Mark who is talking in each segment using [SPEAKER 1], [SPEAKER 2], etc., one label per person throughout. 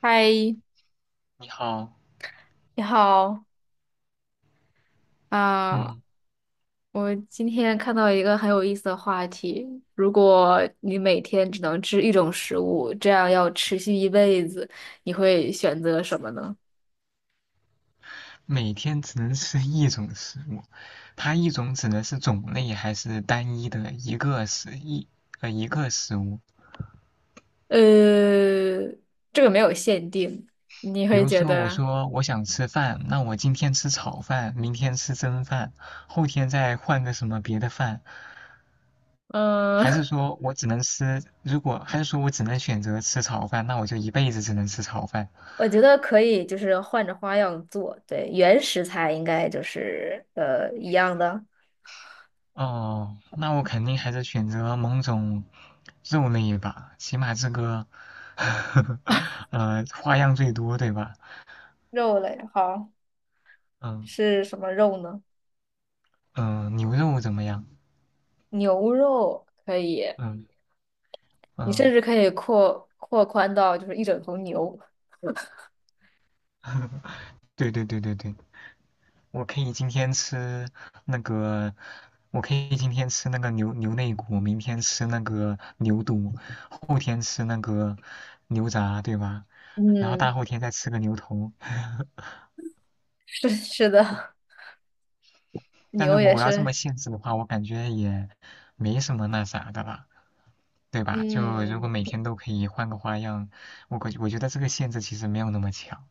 [SPEAKER 1] 嗨，
[SPEAKER 2] 你好。
[SPEAKER 1] 你好啊！
[SPEAKER 2] 嗯，
[SPEAKER 1] 我今天看到一个很有意思的话题：如果你每天只能吃一种食物，这样要持续一辈子，你会选择什么呢？
[SPEAKER 2] 每天只能吃一种食物，它一种指的是种类还是单一的一个食物？
[SPEAKER 1] 呃，这个没有限定，你
[SPEAKER 2] 比
[SPEAKER 1] 会
[SPEAKER 2] 如
[SPEAKER 1] 觉
[SPEAKER 2] 说，我
[SPEAKER 1] 得，
[SPEAKER 2] 说我想吃饭，那我今天吃炒饭，明天吃蒸饭，后天再换个什么别的饭，还
[SPEAKER 1] 嗯、
[SPEAKER 2] 是说我只能吃，如果还是说我只能选择吃炒饭，那我就一辈子只能吃炒饭。
[SPEAKER 1] 我觉得可以，就是换着花样做。对，原食材应该就是一样的。
[SPEAKER 2] 哦，那我肯定还是选择某种肉类吧，起码这个，花样最多，对吧？
[SPEAKER 1] 肉类好，
[SPEAKER 2] 嗯
[SPEAKER 1] 是什么肉呢？
[SPEAKER 2] 牛肉怎么样？
[SPEAKER 1] 牛肉可以，
[SPEAKER 2] 嗯
[SPEAKER 1] 你甚
[SPEAKER 2] 嗯，
[SPEAKER 1] 至可以扩宽到就是一整头牛。
[SPEAKER 2] 对对对对对，我可以今天吃那个，我可以今天吃那个牛肋骨，明天吃那个牛肚，后天吃那个牛杂，对吧？然后大
[SPEAKER 1] 嗯，
[SPEAKER 2] 后天再吃个牛头。
[SPEAKER 1] 是的，
[SPEAKER 2] 但
[SPEAKER 1] 牛
[SPEAKER 2] 如果
[SPEAKER 1] 也
[SPEAKER 2] 我要这
[SPEAKER 1] 是。
[SPEAKER 2] 么限制的话，我感觉也没什么那啥的了，对吧？就如果
[SPEAKER 1] 嗯，
[SPEAKER 2] 每天都可以换个花样，我觉得这个限制其实没有那么强，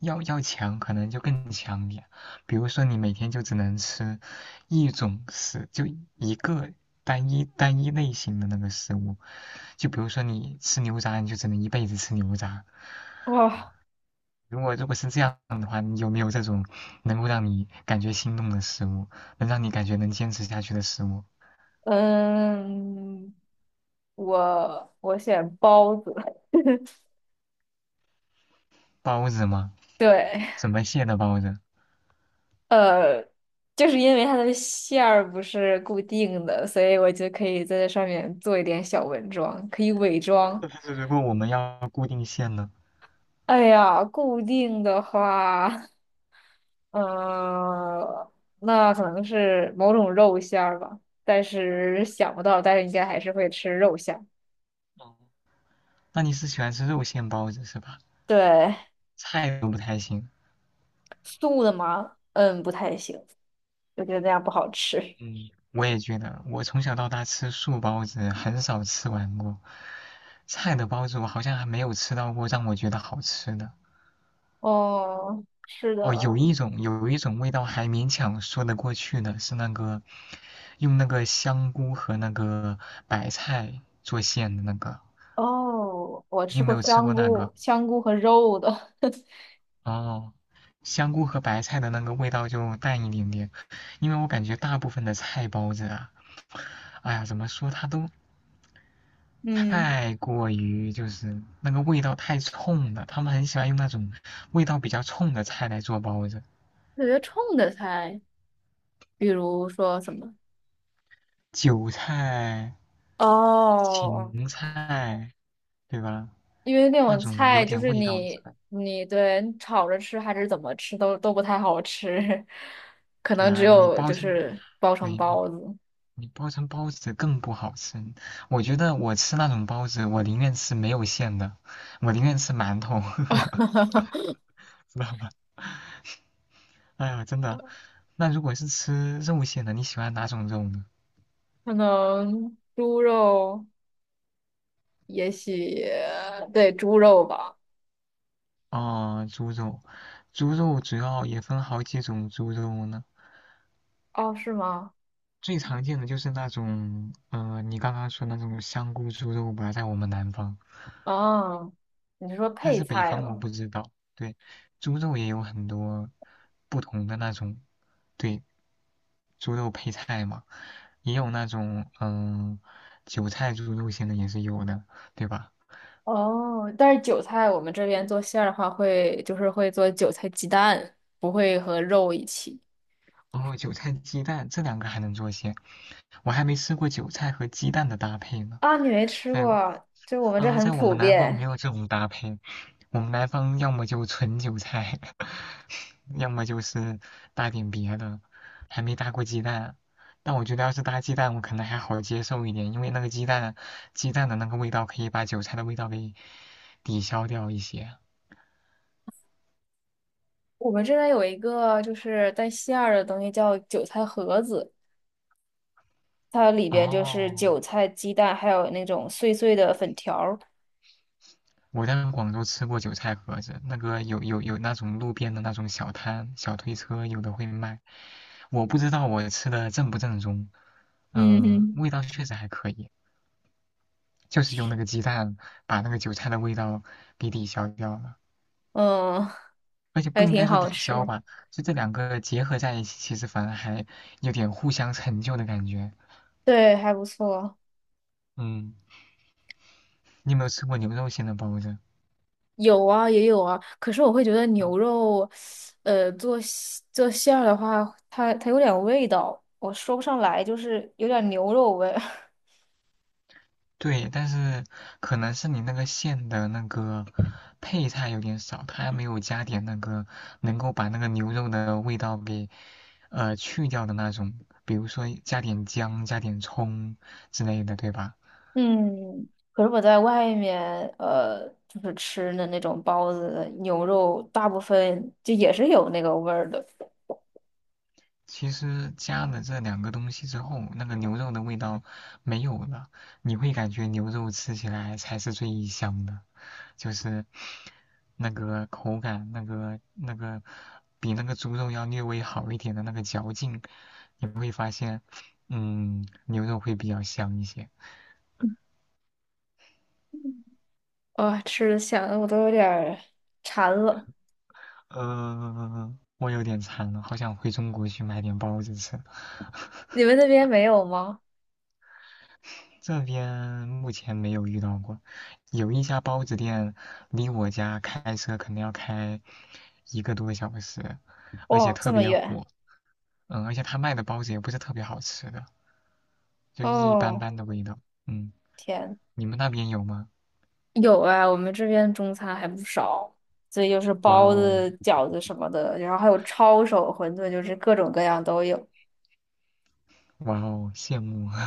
[SPEAKER 2] 要强可能就更强点。比如说你每天就只能吃一种食，就一个单一类型的那个食物，就比如说你吃牛杂，你就只能一辈子吃牛杂。
[SPEAKER 1] 哇，
[SPEAKER 2] 如果是这样，你有没有这种能够让你感觉心动的食物，能让你感觉能坚持下去的食物？
[SPEAKER 1] 嗯，我选包子。
[SPEAKER 2] 包子吗？
[SPEAKER 1] 对，
[SPEAKER 2] 什么馅的包子？
[SPEAKER 1] 呃，就是因为它的馅儿不是固定的，所以我就可以在这上面做一点小文装，可以伪装。
[SPEAKER 2] 就是如果我们要固定馅呢？
[SPEAKER 1] 哎呀，固定的话。嗯，那可能是某种肉馅儿吧，但是想不到，但是应该还是会吃肉馅儿。
[SPEAKER 2] 哦，那你是喜欢吃肉馅包子是吧？
[SPEAKER 1] 对，
[SPEAKER 2] 菜都不太行。
[SPEAKER 1] 素的吗？嗯，不太行，我觉得那样不好吃。
[SPEAKER 2] 嗯，我也觉得，我从小到大吃素包子很少吃完过，菜的包子我好像还没有吃到过让我觉得好吃的。
[SPEAKER 1] 哦，是
[SPEAKER 2] 哦，有
[SPEAKER 1] 的。
[SPEAKER 2] 一种有一种味道还勉强说得过去的是那个用那个香菇和那个白菜做馅的那个，
[SPEAKER 1] 哦，我
[SPEAKER 2] 你
[SPEAKER 1] 吃
[SPEAKER 2] 有没
[SPEAKER 1] 过
[SPEAKER 2] 有吃
[SPEAKER 1] 香
[SPEAKER 2] 过那个？
[SPEAKER 1] 菇、香菇和肉的，
[SPEAKER 2] 哦，香菇和白菜的那个味道就淡一点点，因为我感觉大部分的菜包子啊，哎呀，怎么说它都
[SPEAKER 1] 嗯，
[SPEAKER 2] 太过于就是那个味道太冲了，他们很喜欢用那种味道比较冲的菜来做包子，
[SPEAKER 1] 特别冲的菜，比如说什么？
[SPEAKER 2] 韭菜、
[SPEAKER 1] 哦，
[SPEAKER 2] 芹菜，对吧？
[SPEAKER 1] 因为那
[SPEAKER 2] 那
[SPEAKER 1] 种
[SPEAKER 2] 种
[SPEAKER 1] 菜
[SPEAKER 2] 有
[SPEAKER 1] 就
[SPEAKER 2] 点
[SPEAKER 1] 是
[SPEAKER 2] 味道的
[SPEAKER 1] 你
[SPEAKER 2] 菜，
[SPEAKER 1] 你对你炒着吃还是怎么吃都不太好吃，可
[SPEAKER 2] 对
[SPEAKER 1] 能只
[SPEAKER 2] 啊，你
[SPEAKER 1] 有
[SPEAKER 2] 包
[SPEAKER 1] 就
[SPEAKER 2] 进，
[SPEAKER 1] 是包成
[SPEAKER 2] 对，你
[SPEAKER 1] 包子，
[SPEAKER 2] 你包成包子更不好吃。我觉得我吃那种包子，我宁愿吃没有馅的，我宁愿吃馒头，知道吧？哎呀，真的。那如果是吃肉馅的，你喜欢哪种肉呢？
[SPEAKER 1] 可能猪肉，也许对猪肉吧。
[SPEAKER 2] 哦，猪肉，猪肉主要也分好几种猪肉呢。
[SPEAKER 1] 哦，是吗？
[SPEAKER 2] 最常见的就是那种，你刚刚说那种香菇猪肉吧，在我们南方，
[SPEAKER 1] 哦，你是说
[SPEAKER 2] 但
[SPEAKER 1] 配
[SPEAKER 2] 是北
[SPEAKER 1] 菜
[SPEAKER 2] 方我
[SPEAKER 1] 吗？
[SPEAKER 2] 不知道。对，猪肉也有很多不同的那种，对，猪肉配菜嘛。也有那种韭菜猪肉馅的也是有的，对吧？
[SPEAKER 1] 哦，但是韭菜我们这边做馅儿的话会就是会做韭菜鸡蛋，不会和肉一起。
[SPEAKER 2] 哦，韭菜鸡蛋这两个还能做馅，我还没吃过韭菜和鸡蛋的搭配呢。
[SPEAKER 1] 啊，你没吃
[SPEAKER 2] 在
[SPEAKER 1] 过，就我们这
[SPEAKER 2] 呃，
[SPEAKER 1] 很
[SPEAKER 2] 在我
[SPEAKER 1] 普
[SPEAKER 2] 们南方没
[SPEAKER 1] 遍。
[SPEAKER 2] 有这种搭配，我们南方要么就纯韭菜，要么就是搭点别的，还没搭过鸡蛋。但我觉得要是搭鸡蛋，我可能还好接受一点，因为那个鸡蛋，鸡蛋的那个味道可以把韭菜的味道给抵消掉一些。
[SPEAKER 1] 我们这边有一个就是带馅儿的东西叫韭菜盒子，它里边就是
[SPEAKER 2] 哦，
[SPEAKER 1] 韭菜、鸡蛋，还有那种碎碎的粉条儿。
[SPEAKER 2] 我在广州吃过韭菜盒子，那个有那种路边的那种小摊、小推车，有的会卖。我不知道我吃的正不正宗，
[SPEAKER 1] 嗯哼，
[SPEAKER 2] 味道确实还可以，就是用那个鸡蛋把那个韭菜的味道给抵消掉了，
[SPEAKER 1] 嗯，
[SPEAKER 2] 而且不
[SPEAKER 1] 还
[SPEAKER 2] 应
[SPEAKER 1] 挺
[SPEAKER 2] 该说
[SPEAKER 1] 好
[SPEAKER 2] 抵消
[SPEAKER 1] 吃，
[SPEAKER 2] 吧，就这两个结合在一起，其实反而还有点互相成就的感觉。
[SPEAKER 1] 对，还不错。
[SPEAKER 2] 嗯，你有没有吃过牛肉馅的包子？
[SPEAKER 1] 有啊，也有啊，可是我会觉得
[SPEAKER 2] 嗯
[SPEAKER 1] 牛肉，做馅儿的话，它有点味道，我说不上来，就是有点牛肉味。
[SPEAKER 2] 对，但是可能是你那个馅的那个配菜有点少，它还没有加点那个能够把那个牛肉的味道给去掉的那种，比如说加点姜、加点葱之类的，对吧？
[SPEAKER 1] 嗯，可是我在外面，就是吃的那种包子、牛肉，大部分就也是有那个味儿的。
[SPEAKER 2] 其实加了这两个东西之后，那个牛肉的味道没有了，你会感觉牛肉吃起来才是最香的，就是那个口感，那个比那个猪肉要略微好一点的那个嚼劲，你会发现，牛肉会比较香一些。
[SPEAKER 1] 啊，吃的想的我都有点儿馋了。
[SPEAKER 2] 我有点馋了，好想回中国去买点包子吃。
[SPEAKER 1] 你们那边没有吗？
[SPEAKER 2] 这边目前没有遇到过，有一家包子店离我家开车可能要开一个多小时，而且
[SPEAKER 1] 哇、这
[SPEAKER 2] 特
[SPEAKER 1] 么
[SPEAKER 2] 别
[SPEAKER 1] 远。
[SPEAKER 2] 火。而且他卖的包子也不是特别好吃的，就一般
[SPEAKER 1] 哦，
[SPEAKER 2] 般的味道。嗯，
[SPEAKER 1] 天，
[SPEAKER 2] 你们那边有吗？
[SPEAKER 1] 有啊，我们这边中餐还不少，所以就是
[SPEAKER 2] 哇
[SPEAKER 1] 包
[SPEAKER 2] 哦，
[SPEAKER 1] 子、饺子什么的，然后还有抄手、馄饨，就是各种各样都有。
[SPEAKER 2] 哇哦，羡慕。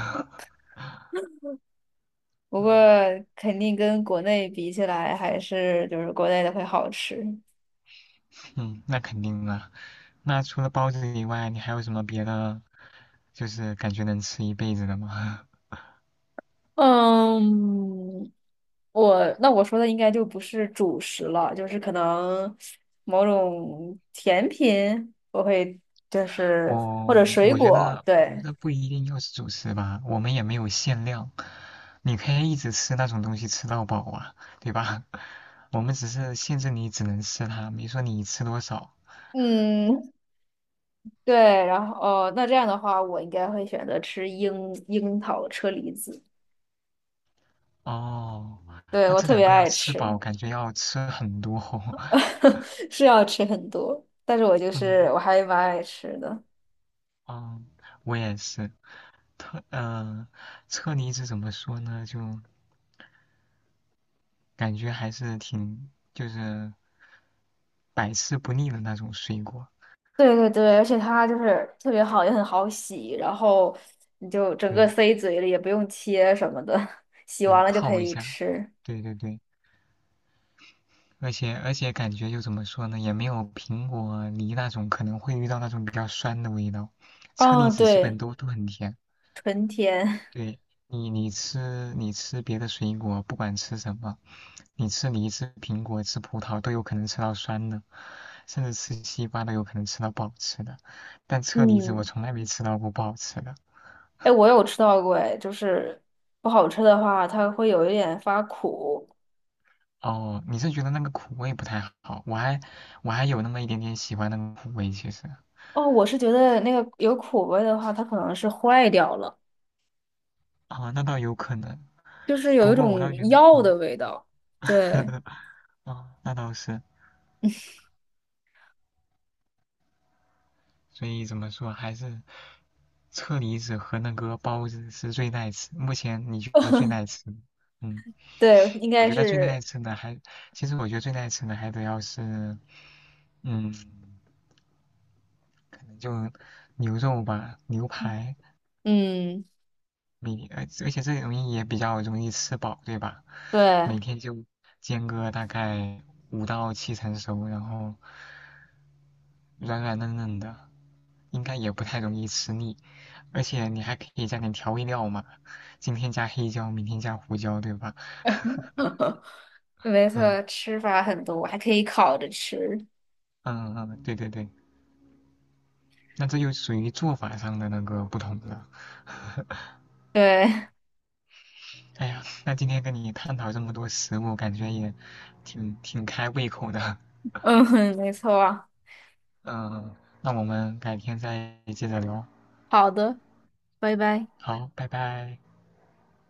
[SPEAKER 1] 不
[SPEAKER 2] 嗯，
[SPEAKER 1] 过肯定跟国内比起来，还是就是国内的会好吃。
[SPEAKER 2] 嗯，那肯定啊。那除了包子以外，你还有什么别的，就是感觉能吃一辈子的吗？
[SPEAKER 1] 嗯，我那我说的应该就不是主食了，就是可能某种甜品，我会就 是
[SPEAKER 2] 我
[SPEAKER 1] 或者水
[SPEAKER 2] 我觉
[SPEAKER 1] 果，
[SPEAKER 2] 得，我觉
[SPEAKER 1] 对，
[SPEAKER 2] 得不一定要是主食吧，我们也没有限量，你可以一直吃那种东西吃到饱啊，对吧？我们只是限制你只能吃它，没说你吃多少。
[SPEAKER 1] 嗯，对，然后哦，那这样的话，我应该会选择吃樱桃车厘子，
[SPEAKER 2] 哦，
[SPEAKER 1] 对，
[SPEAKER 2] 那
[SPEAKER 1] 我
[SPEAKER 2] 这
[SPEAKER 1] 特别
[SPEAKER 2] 两个要
[SPEAKER 1] 爱
[SPEAKER 2] 吃饱，
[SPEAKER 1] 吃，
[SPEAKER 2] 感觉要吃很多哦。
[SPEAKER 1] 是要吃很多，但是我就是
[SPEAKER 2] 嗯，
[SPEAKER 1] 我还蛮爱吃的。
[SPEAKER 2] 哦，我也是。特呃，车厘子怎么说呢？就感觉还是挺就是百吃不腻的那种水果。
[SPEAKER 1] 对对对，而且它就是特别好，也很好洗，然后你就整个
[SPEAKER 2] 对
[SPEAKER 1] 塞嘴里，也不用切什么的，洗
[SPEAKER 2] 对，
[SPEAKER 1] 完了就可
[SPEAKER 2] 泡一
[SPEAKER 1] 以
[SPEAKER 2] 下，
[SPEAKER 1] 吃。
[SPEAKER 2] 对对对，而且感觉就怎么说呢，也没有苹果、梨那种可能会遇到那种比较酸的味道。车
[SPEAKER 1] 哦，
[SPEAKER 2] 厘子基本
[SPEAKER 1] 对，
[SPEAKER 2] 都很甜。
[SPEAKER 1] 纯甜。
[SPEAKER 2] 对。你吃别的水果，不管吃什么，你吃梨、吃苹果、吃葡萄都有可能吃到酸的，甚至吃西瓜都有可能吃到不好吃的。但车厘子我
[SPEAKER 1] 嗯，
[SPEAKER 2] 从来没吃到过不好吃的。
[SPEAKER 1] 哎，我有吃到过，哎，就是不好吃的话，它会有一点发苦。
[SPEAKER 2] 哦，你是觉得那个苦味不太好？我还有那么一点点喜欢那个苦味，其实
[SPEAKER 1] 哦，我是觉得那个有苦味的话，它可能是坏掉了，
[SPEAKER 2] 啊，那倒有可能。
[SPEAKER 1] 就是有
[SPEAKER 2] 不
[SPEAKER 1] 一
[SPEAKER 2] 过我
[SPEAKER 1] 种
[SPEAKER 2] 倒觉得
[SPEAKER 1] 药
[SPEAKER 2] 啊，
[SPEAKER 1] 的味道。对
[SPEAKER 2] 啊，那倒是，所以怎么说还是。车厘子和那个包子是最耐吃，目前你觉得最耐吃的嗯，
[SPEAKER 1] 对，应
[SPEAKER 2] 我
[SPEAKER 1] 该
[SPEAKER 2] 觉得最耐
[SPEAKER 1] 是，
[SPEAKER 2] 吃的还，其实我觉得最耐吃的还得要是，嗯，可能就牛肉吧，牛排，
[SPEAKER 1] 嗯，
[SPEAKER 2] 而且这容易也比较容易吃饱，对吧？
[SPEAKER 1] 对。
[SPEAKER 2] 每天就煎个大概5到7成熟，然后软软嫩嫩的，应该也不太容易吃腻，而且你还可以加点调味料嘛，今天加黑椒，明天加胡椒，对吧？
[SPEAKER 1] 没
[SPEAKER 2] 嗯
[SPEAKER 1] 错，吃法很多，还可以烤着吃。
[SPEAKER 2] 嗯嗯，对对对，那这就属于做法上的那个不同了。
[SPEAKER 1] 对，
[SPEAKER 2] 哎呀，那今天跟你探讨这么多食物，感觉也挺开胃口的。
[SPEAKER 1] 嗯，没错。
[SPEAKER 2] 嗯，那我们改天再接着聊。
[SPEAKER 1] 好的，拜拜。
[SPEAKER 2] 好，拜拜。